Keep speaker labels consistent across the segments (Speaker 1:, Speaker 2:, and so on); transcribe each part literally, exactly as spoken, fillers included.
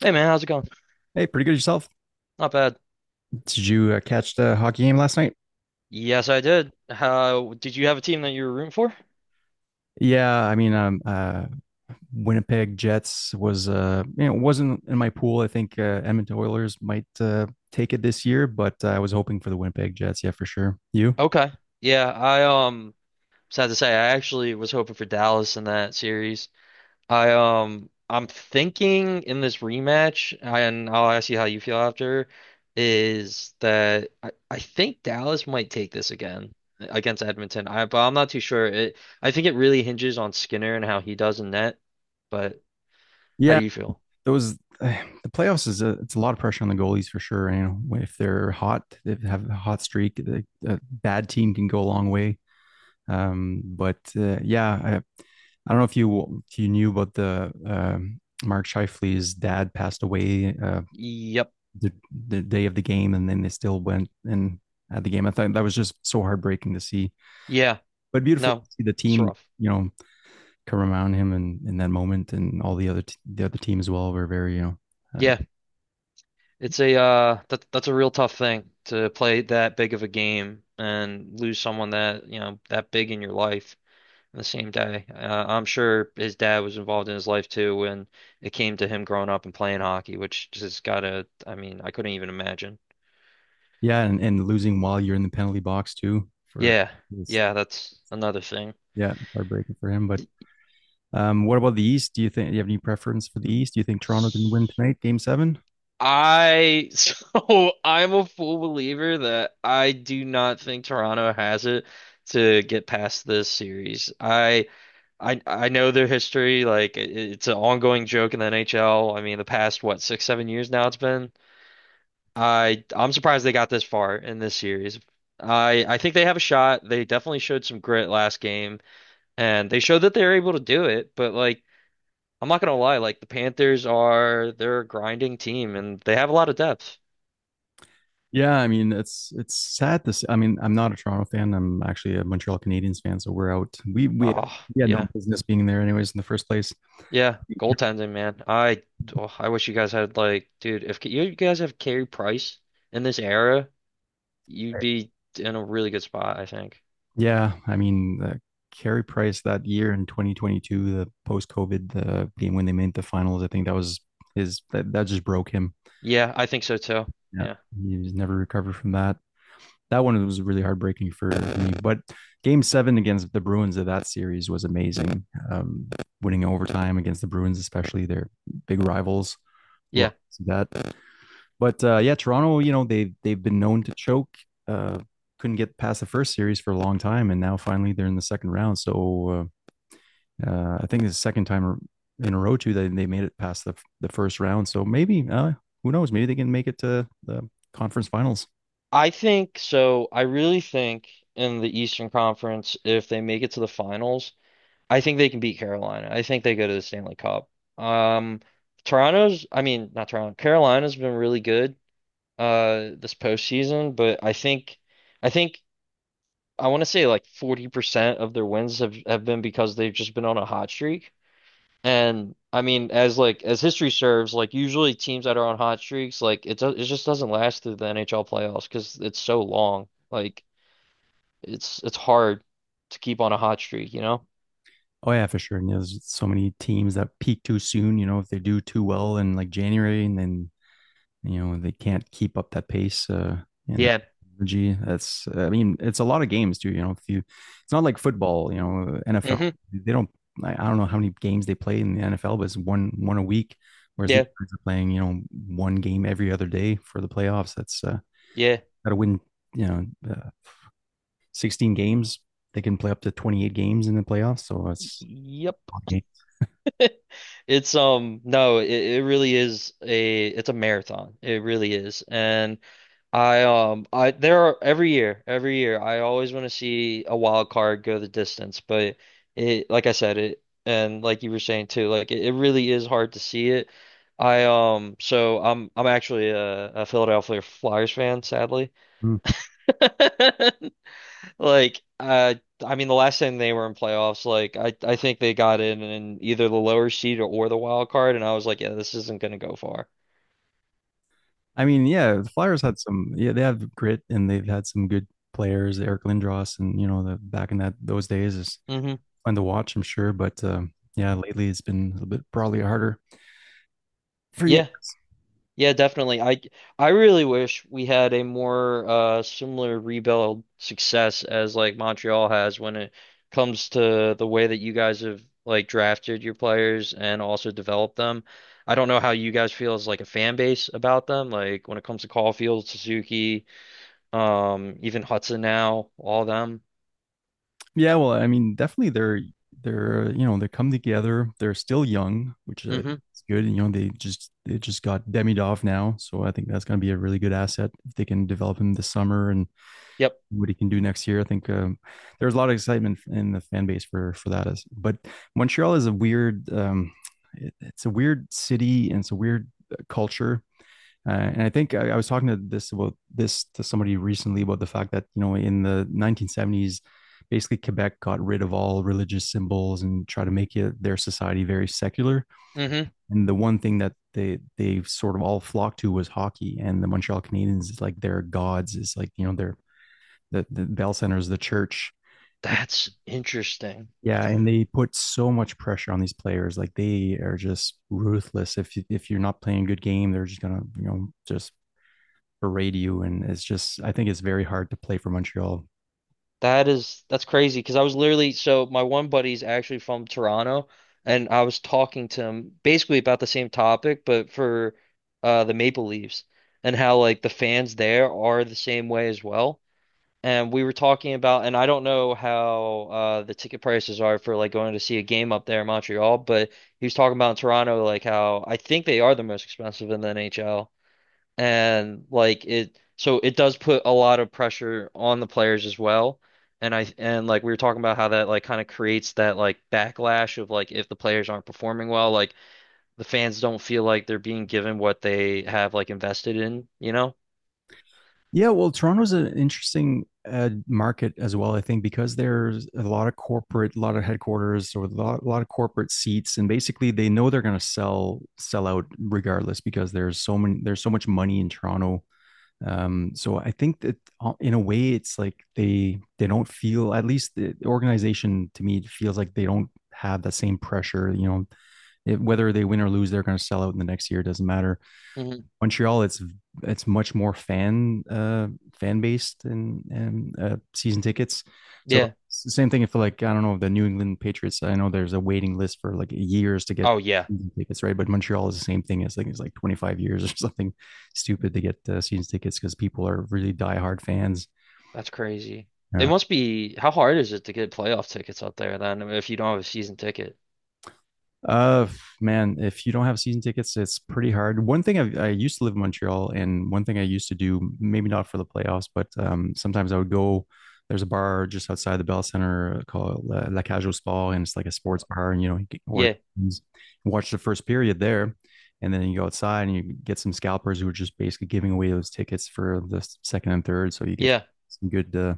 Speaker 1: Hey man, how's it going?
Speaker 2: Hey, pretty good yourself.
Speaker 1: Not bad.
Speaker 2: Did you uh, catch the hockey game last night?
Speaker 1: Yes, I did. How did you have a team that you were rooting for?
Speaker 2: Yeah, I mean, um, uh, Winnipeg Jets was, uh, you know, wasn't in my pool. I think uh, Edmonton Oilers might uh, take it this year, but uh, I was hoping for the Winnipeg Jets. Yeah, for sure. You?
Speaker 1: Okay. Yeah, I um Sad to say, I actually was hoping for Dallas in that series. I um I'm thinking in this rematch, and I'll ask you how you feel after, is that I, I think Dallas might take this again against Edmonton. I but I'm not too sure. It I think it really hinges on Skinner and how he does in net. But how
Speaker 2: Yeah,
Speaker 1: do you feel?
Speaker 2: those uh, the playoffs is a, it's a lot of pressure on the goalies for sure. You know, if they're hot, they have a hot streak, the, a bad team can go a long way. Um, but uh, yeah, I, I don't know if you if you knew about the um, Mark Shifley's dad passed away uh,
Speaker 1: Yep.
Speaker 2: the the day of the game, and then they still went and had the game. I thought that was just so heartbreaking to see,
Speaker 1: Yeah.
Speaker 2: but beautiful to
Speaker 1: No.
Speaker 2: see the
Speaker 1: It's
Speaker 2: team.
Speaker 1: rough.
Speaker 2: You know, come around him and in in that moment, and all the other t- the other team as well were very you know. Uh,
Speaker 1: Yeah, it's a uh that that's a real tough thing to play that big of a game and lose someone that, you know, that big in your life in the same day. Uh, I'm sure his dad was involved in his life too when it came to him growing up and playing hockey, which just gotta, I mean, I couldn't even imagine.
Speaker 2: Yeah, and, and losing while you're in the penalty box too for
Speaker 1: Yeah.
Speaker 2: this.
Speaker 1: Yeah, that's another thing.
Speaker 2: Yeah, heartbreaking for him. But um, what about the East? Do you think do you have any preference for the East? Do you think Toronto can win tonight, Game Seven?
Speaker 1: I so I'm a full believer that I do not think Toronto has it to get past this series. I I I know their history. Like it, it's an ongoing joke in the N H L. I mean, the past what six seven years now it's been. I I'm surprised they got this far in this series. I I think they have a shot. They definitely showed some grit last game, and they showed that they were able to do it. But like I'm not gonna lie, like the Panthers are they're a grinding team and they have a lot of depth.
Speaker 2: Yeah, I mean it's it's sad to see. I mean I'm not a Toronto fan. I'm actually a Montreal Canadiens fan, so we're out. We we had,
Speaker 1: Oh
Speaker 2: we had no
Speaker 1: yeah,
Speaker 2: business being there anyways in the first place.
Speaker 1: yeah,
Speaker 2: Yeah,
Speaker 1: goaltending man. I oh, I wish you guys had like dude if you guys have Carey Price in this era. You'd
Speaker 2: right.
Speaker 1: be in a really good spot, I think.
Speaker 2: Yeah, I mean the Carey Price that year in twenty twenty-two, the post COVID, the game when they made the finals. I think that was his that, that just broke him.
Speaker 1: Yeah, I think so too.
Speaker 2: Yeah,
Speaker 1: Yeah.
Speaker 2: he was never recovered from that. That one was really heartbreaking for me. But Game Seven against the Bruins of that series was amazing. Um, winning overtime against the Bruins, especially their big rivals, love
Speaker 1: Yeah.
Speaker 2: that. But uh, yeah, Toronto, you know they they've been known to choke. Uh, couldn't get past the first series for a long time, and now finally they're in the second round. So uh, uh, I think it's the second time in a row too that they made it past the the first round. So maybe uh, who knows? Maybe they can make it to the conference finals.
Speaker 1: I think so. I really think in the Eastern Conference, if they make it to the finals, I think they can beat Carolina. I think they go to the Stanley Cup. Um, Toronto's, I mean, not Toronto, Carolina's been really good uh this postseason, but I think I think I want to say like forty percent of their wins have, have been because they've just been on a hot streak. And I mean, as like as history serves, like usually teams that are on hot streaks, like it do it just doesn't last through the N H L playoffs because it's so long. Like it's it's hard to keep on a hot streak, you know?
Speaker 2: Oh yeah, for sure. And there's so many teams that peak too soon. You know, if they do too well in like January, and then you know they can't keep up that pace uh, and that
Speaker 1: Yeah.
Speaker 2: energy. That's I mean, it's a lot of games too. You know, if you, it's not like football. You know, N F L
Speaker 1: Hmm.
Speaker 2: they don't. I don't know how many games they play in the N F L, but it's one one a week. Whereas these
Speaker 1: Yeah.
Speaker 2: guys are playing, you know, one game every other day for the playoffs. That's uh,
Speaker 1: Yeah.
Speaker 2: got to win. You know, uh, sixteen games. They can play up to twenty eight games in the playoffs. So it's
Speaker 1: Yep. It's um no, it, it really is a it's a marathon. It really is. And I um I there are every year, every year I always want to see a wild card go the distance, but it like I said it and like you were saying too, like it, it really is hard to see it. I um so I'm I'm actually a, a Philadelphia Flyers fan, sadly. Like uh I mean the last time they were in playoffs, like I I think they got in in either the lower seed or, or the wild card and I was like, yeah, this isn't gonna go far.
Speaker 2: I mean, yeah, the Flyers had some. Yeah, they have grit and they've had some good players, Eric Lindros, and you know, the back in that those days is
Speaker 1: Hmm.
Speaker 2: fun to watch, I'm sure. But um, yeah, lately it's been a little bit probably harder for you.
Speaker 1: Yeah. Yeah, definitely. I I really wish we had a more uh similar rebuild success as like Montreal has when it comes to the way that you guys have like drafted your players and also developed them. I don't know how you guys feel as like a fan base about them, like when it comes to Caulfield, Suzuki, um, even Hudson now, all them.
Speaker 2: Yeah, well, I mean, definitely they're they're you know they come together. They're still young, which is
Speaker 1: Mm-hmm.
Speaker 2: good. You know, they just they just got Demidov now, so I think that's going to be a really good asset if they can develop him this summer and
Speaker 1: Yep.
Speaker 2: what he can do next year. I think um, there's a lot of excitement in the fan base for for that. As but Montreal is a weird, um, it, it's a weird city and it's a weird uh, culture. Uh, and I think I, I was talking to this about this to somebody recently about the fact that you know in the nineteen seventies, basically Quebec got rid of all religious symbols and try to make it, their society very secular.
Speaker 1: Mm-hmm.
Speaker 2: And the one thing that they they sort of all flocked to was hockey. And the Montreal Canadiens is like their gods, is like you know their the, the Bell Center is the church.
Speaker 1: That's interesting.
Speaker 2: Yeah, and they put so much pressure on these players. Like they are just ruthless. If you, if you're not playing a good game, they're just gonna you know just berate you. And it's just I think it's very hard to play for Montreal.
Speaker 1: That is that's crazy because I was literally so my one buddy's actually from Toronto and I was talking to him basically about the same topic but for uh the Maple Leafs and how like the fans there are the same way as well. And we were talking about and I don't know how uh the ticket prices are for like going to see a game up there in Montreal, but he was talking about in Toronto like how I think they are the most expensive in the N H L and like it so it does put a lot of pressure on the players as well and I and like we were talking about how that like kind of creates that like backlash of like if the players aren't performing well like the fans don't feel like they're being given what they have like invested in, you know.
Speaker 2: Yeah, well, Toronto's an interesting uh, market as well. I think because there's a lot of corporate, a lot of headquarters, or a lot, a lot of corporate seats, and basically they know they're going to sell sell out regardless because there's so many there's so much money in Toronto. Um so I think that uh, in a way it's like they they don't feel, at least the organization to me feels like they don't have that same pressure, you know, it, whether they win or lose they're going to sell out in the next year. It doesn't matter.
Speaker 1: Hmm.
Speaker 2: Montreal, it's it's much more fan uh, fan based, and and uh, season tickets. So
Speaker 1: Yeah.
Speaker 2: it's the same thing. If like I don't know the New England Patriots, I know there's a waiting list for like years to get
Speaker 1: Oh yeah.
Speaker 2: season tickets, right? But Montreal is the same thing. It's like it's like twenty-five years or something stupid to get uh, season tickets because people are really diehard fans.
Speaker 1: That's crazy. It
Speaker 2: Uh,
Speaker 1: must be how hard is it to get playoff tickets up there then if you don't have a season ticket.
Speaker 2: Uh, man, if you don't have season tickets, it's pretty hard. One thing I, I used to live in Montreal, and one thing I used to do, maybe not for the playoffs, but um, sometimes I would go. There's a bar just outside the Bell Center uh, called La, La Cage au Sport, and it's like a sports bar, and you know, you can order,
Speaker 1: Yeah.
Speaker 2: watch the first period there, and then you go outside and you get some scalpers who are just basically giving away those tickets for the second and third, so you get
Speaker 1: Yeah.
Speaker 2: some good uh,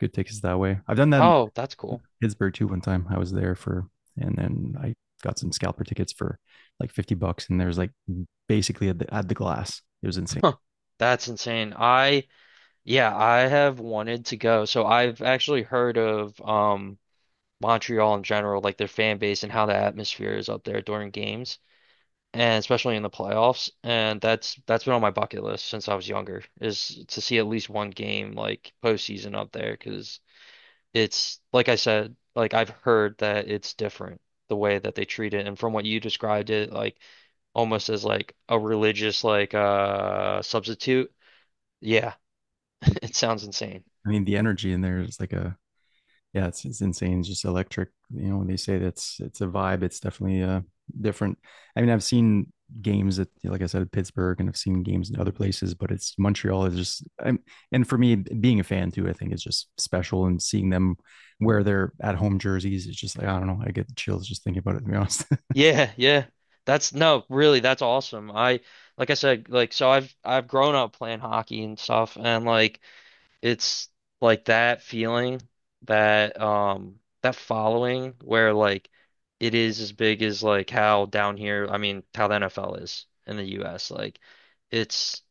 Speaker 2: good tickets that way. I've done that
Speaker 1: Oh, that's cool.
Speaker 2: Pittsburgh too one time. I was there for, and then I got some scalper tickets for like fifty bucks. And there's like basically at the, at the glass. It was insane.
Speaker 1: Huh. That's insane. I yeah, I have wanted to go. So I've actually heard of um Montreal in general, like their fan base and how the atmosphere is up there during games, and especially in the playoffs. And that's that's been on my bucket list since I was younger, is to see at least one game like postseason up there, because it's like I said, like I've heard that it's different the way that they treat it, and from what you described it, like almost as like a religious like uh substitute. Yeah, it sounds insane.
Speaker 2: I mean, the energy in there is like a, yeah, it's, it's insane. It's just electric. You know, when they say that's, it's a vibe, it's definitely uh, different. I mean, I've seen games at, like I said, at Pittsburgh and I've seen games in other places, but it's Montreal is just, I'm, and for me, being a fan too, I think is just special and seeing them wear their at home jerseys. It's just like, I don't know, I get the chills just thinking about it, to be honest.
Speaker 1: Yeah, yeah. That's no, really, that's awesome. I like I said, like so I've I've grown up playing hockey and stuff and like it's like that feeling that um that following where like it is as big as like how down here, I mean, how the N F L is in the U S. Like it's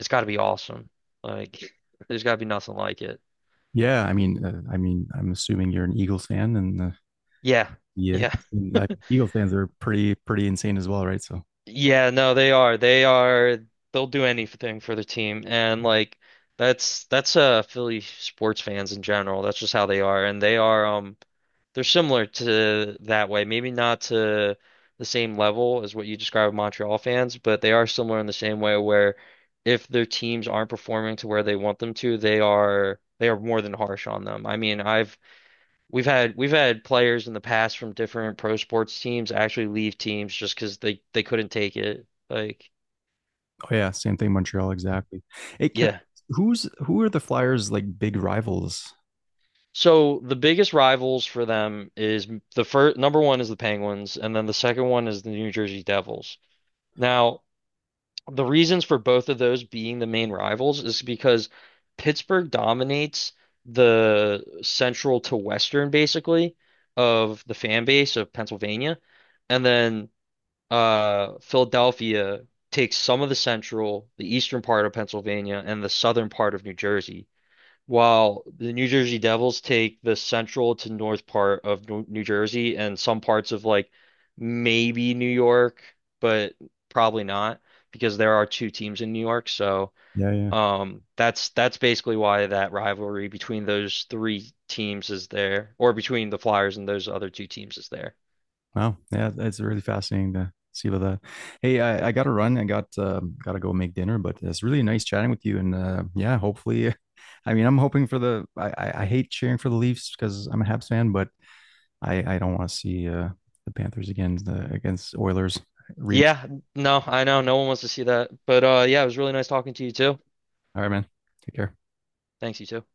Speaker 1: it's got to be awesome. Like there's got to be nothing like it.
Speaker 2: Yeah, I mean, uh, I mean, I'm assuming you're an Eagles fan, and uh,
Speaker 1: Yeah.
Speaker 2: yeah,
Speaker 1: Yeah.
Speaker 2: and, uh, Eagles fans are pretty pretty insane as well, right? So,
Speaker 1: Yeah, no, they are. They are they'll do anything for the team and like that's that's uh Philly sports fans in general. That's just how they are and they are um they're similar to that way. Maybe not to the same level as what you describe Montreal fans, but they are similar in the same way where if their teams aren't performing to where they want them to, they are they are more than harsh on them. I mean, I've We've had we've had players in the past from different pro sports teams actually leave teams just because they they couldn't take it. Like,
Speaker 2: oh yeah, same thing, Montreal, exactly. Hey, can
Speaker 1: yeah.
Speaker 2: who's who are the Flyers' like big rivals?
Speaker 1: So the biggest rivals for them is the first number one is the Penguins, and then the second one is the New Jersey Devils. Now, the reasons for both of those being the main rivals is because Pittsburgh dominates the central to western basically of the fan base of Pennsylvania. And then uh, Philadelphia takes some of the central, the eastern part of Pennsylvania, and the southern part of New Jersey, while the New Jersey Devils take the central to north part of New New Jersey and some parts of like maybe New York, but probably not because there are two teams in New York. So
Speaker 2: Yeah, yeah.
Speaker 1: um, that's that's basically why that rivalry between those three teams is there, or between the Flyers and those other two teams is there.
Speaker 2: Wow, yeah, it's really fascinating to see about that. Hey, I, I got to run. I got um, got to go make dinner, but it's really nice chatting with you, and uh, yeah, hopefully, I mean, I'm hoping for the. I, I, I hate cheering for the Leafs because I'm a Habs fan, but I I don't want to see uh the Panthers again the against Oilers.
Speaker 1: Yeah, no, I know. No one wants to see that. But uh yeah, it was really nice talking to you too.
Speaker 2: All right, man. Take care.
Speaker 1: Thanks, you too.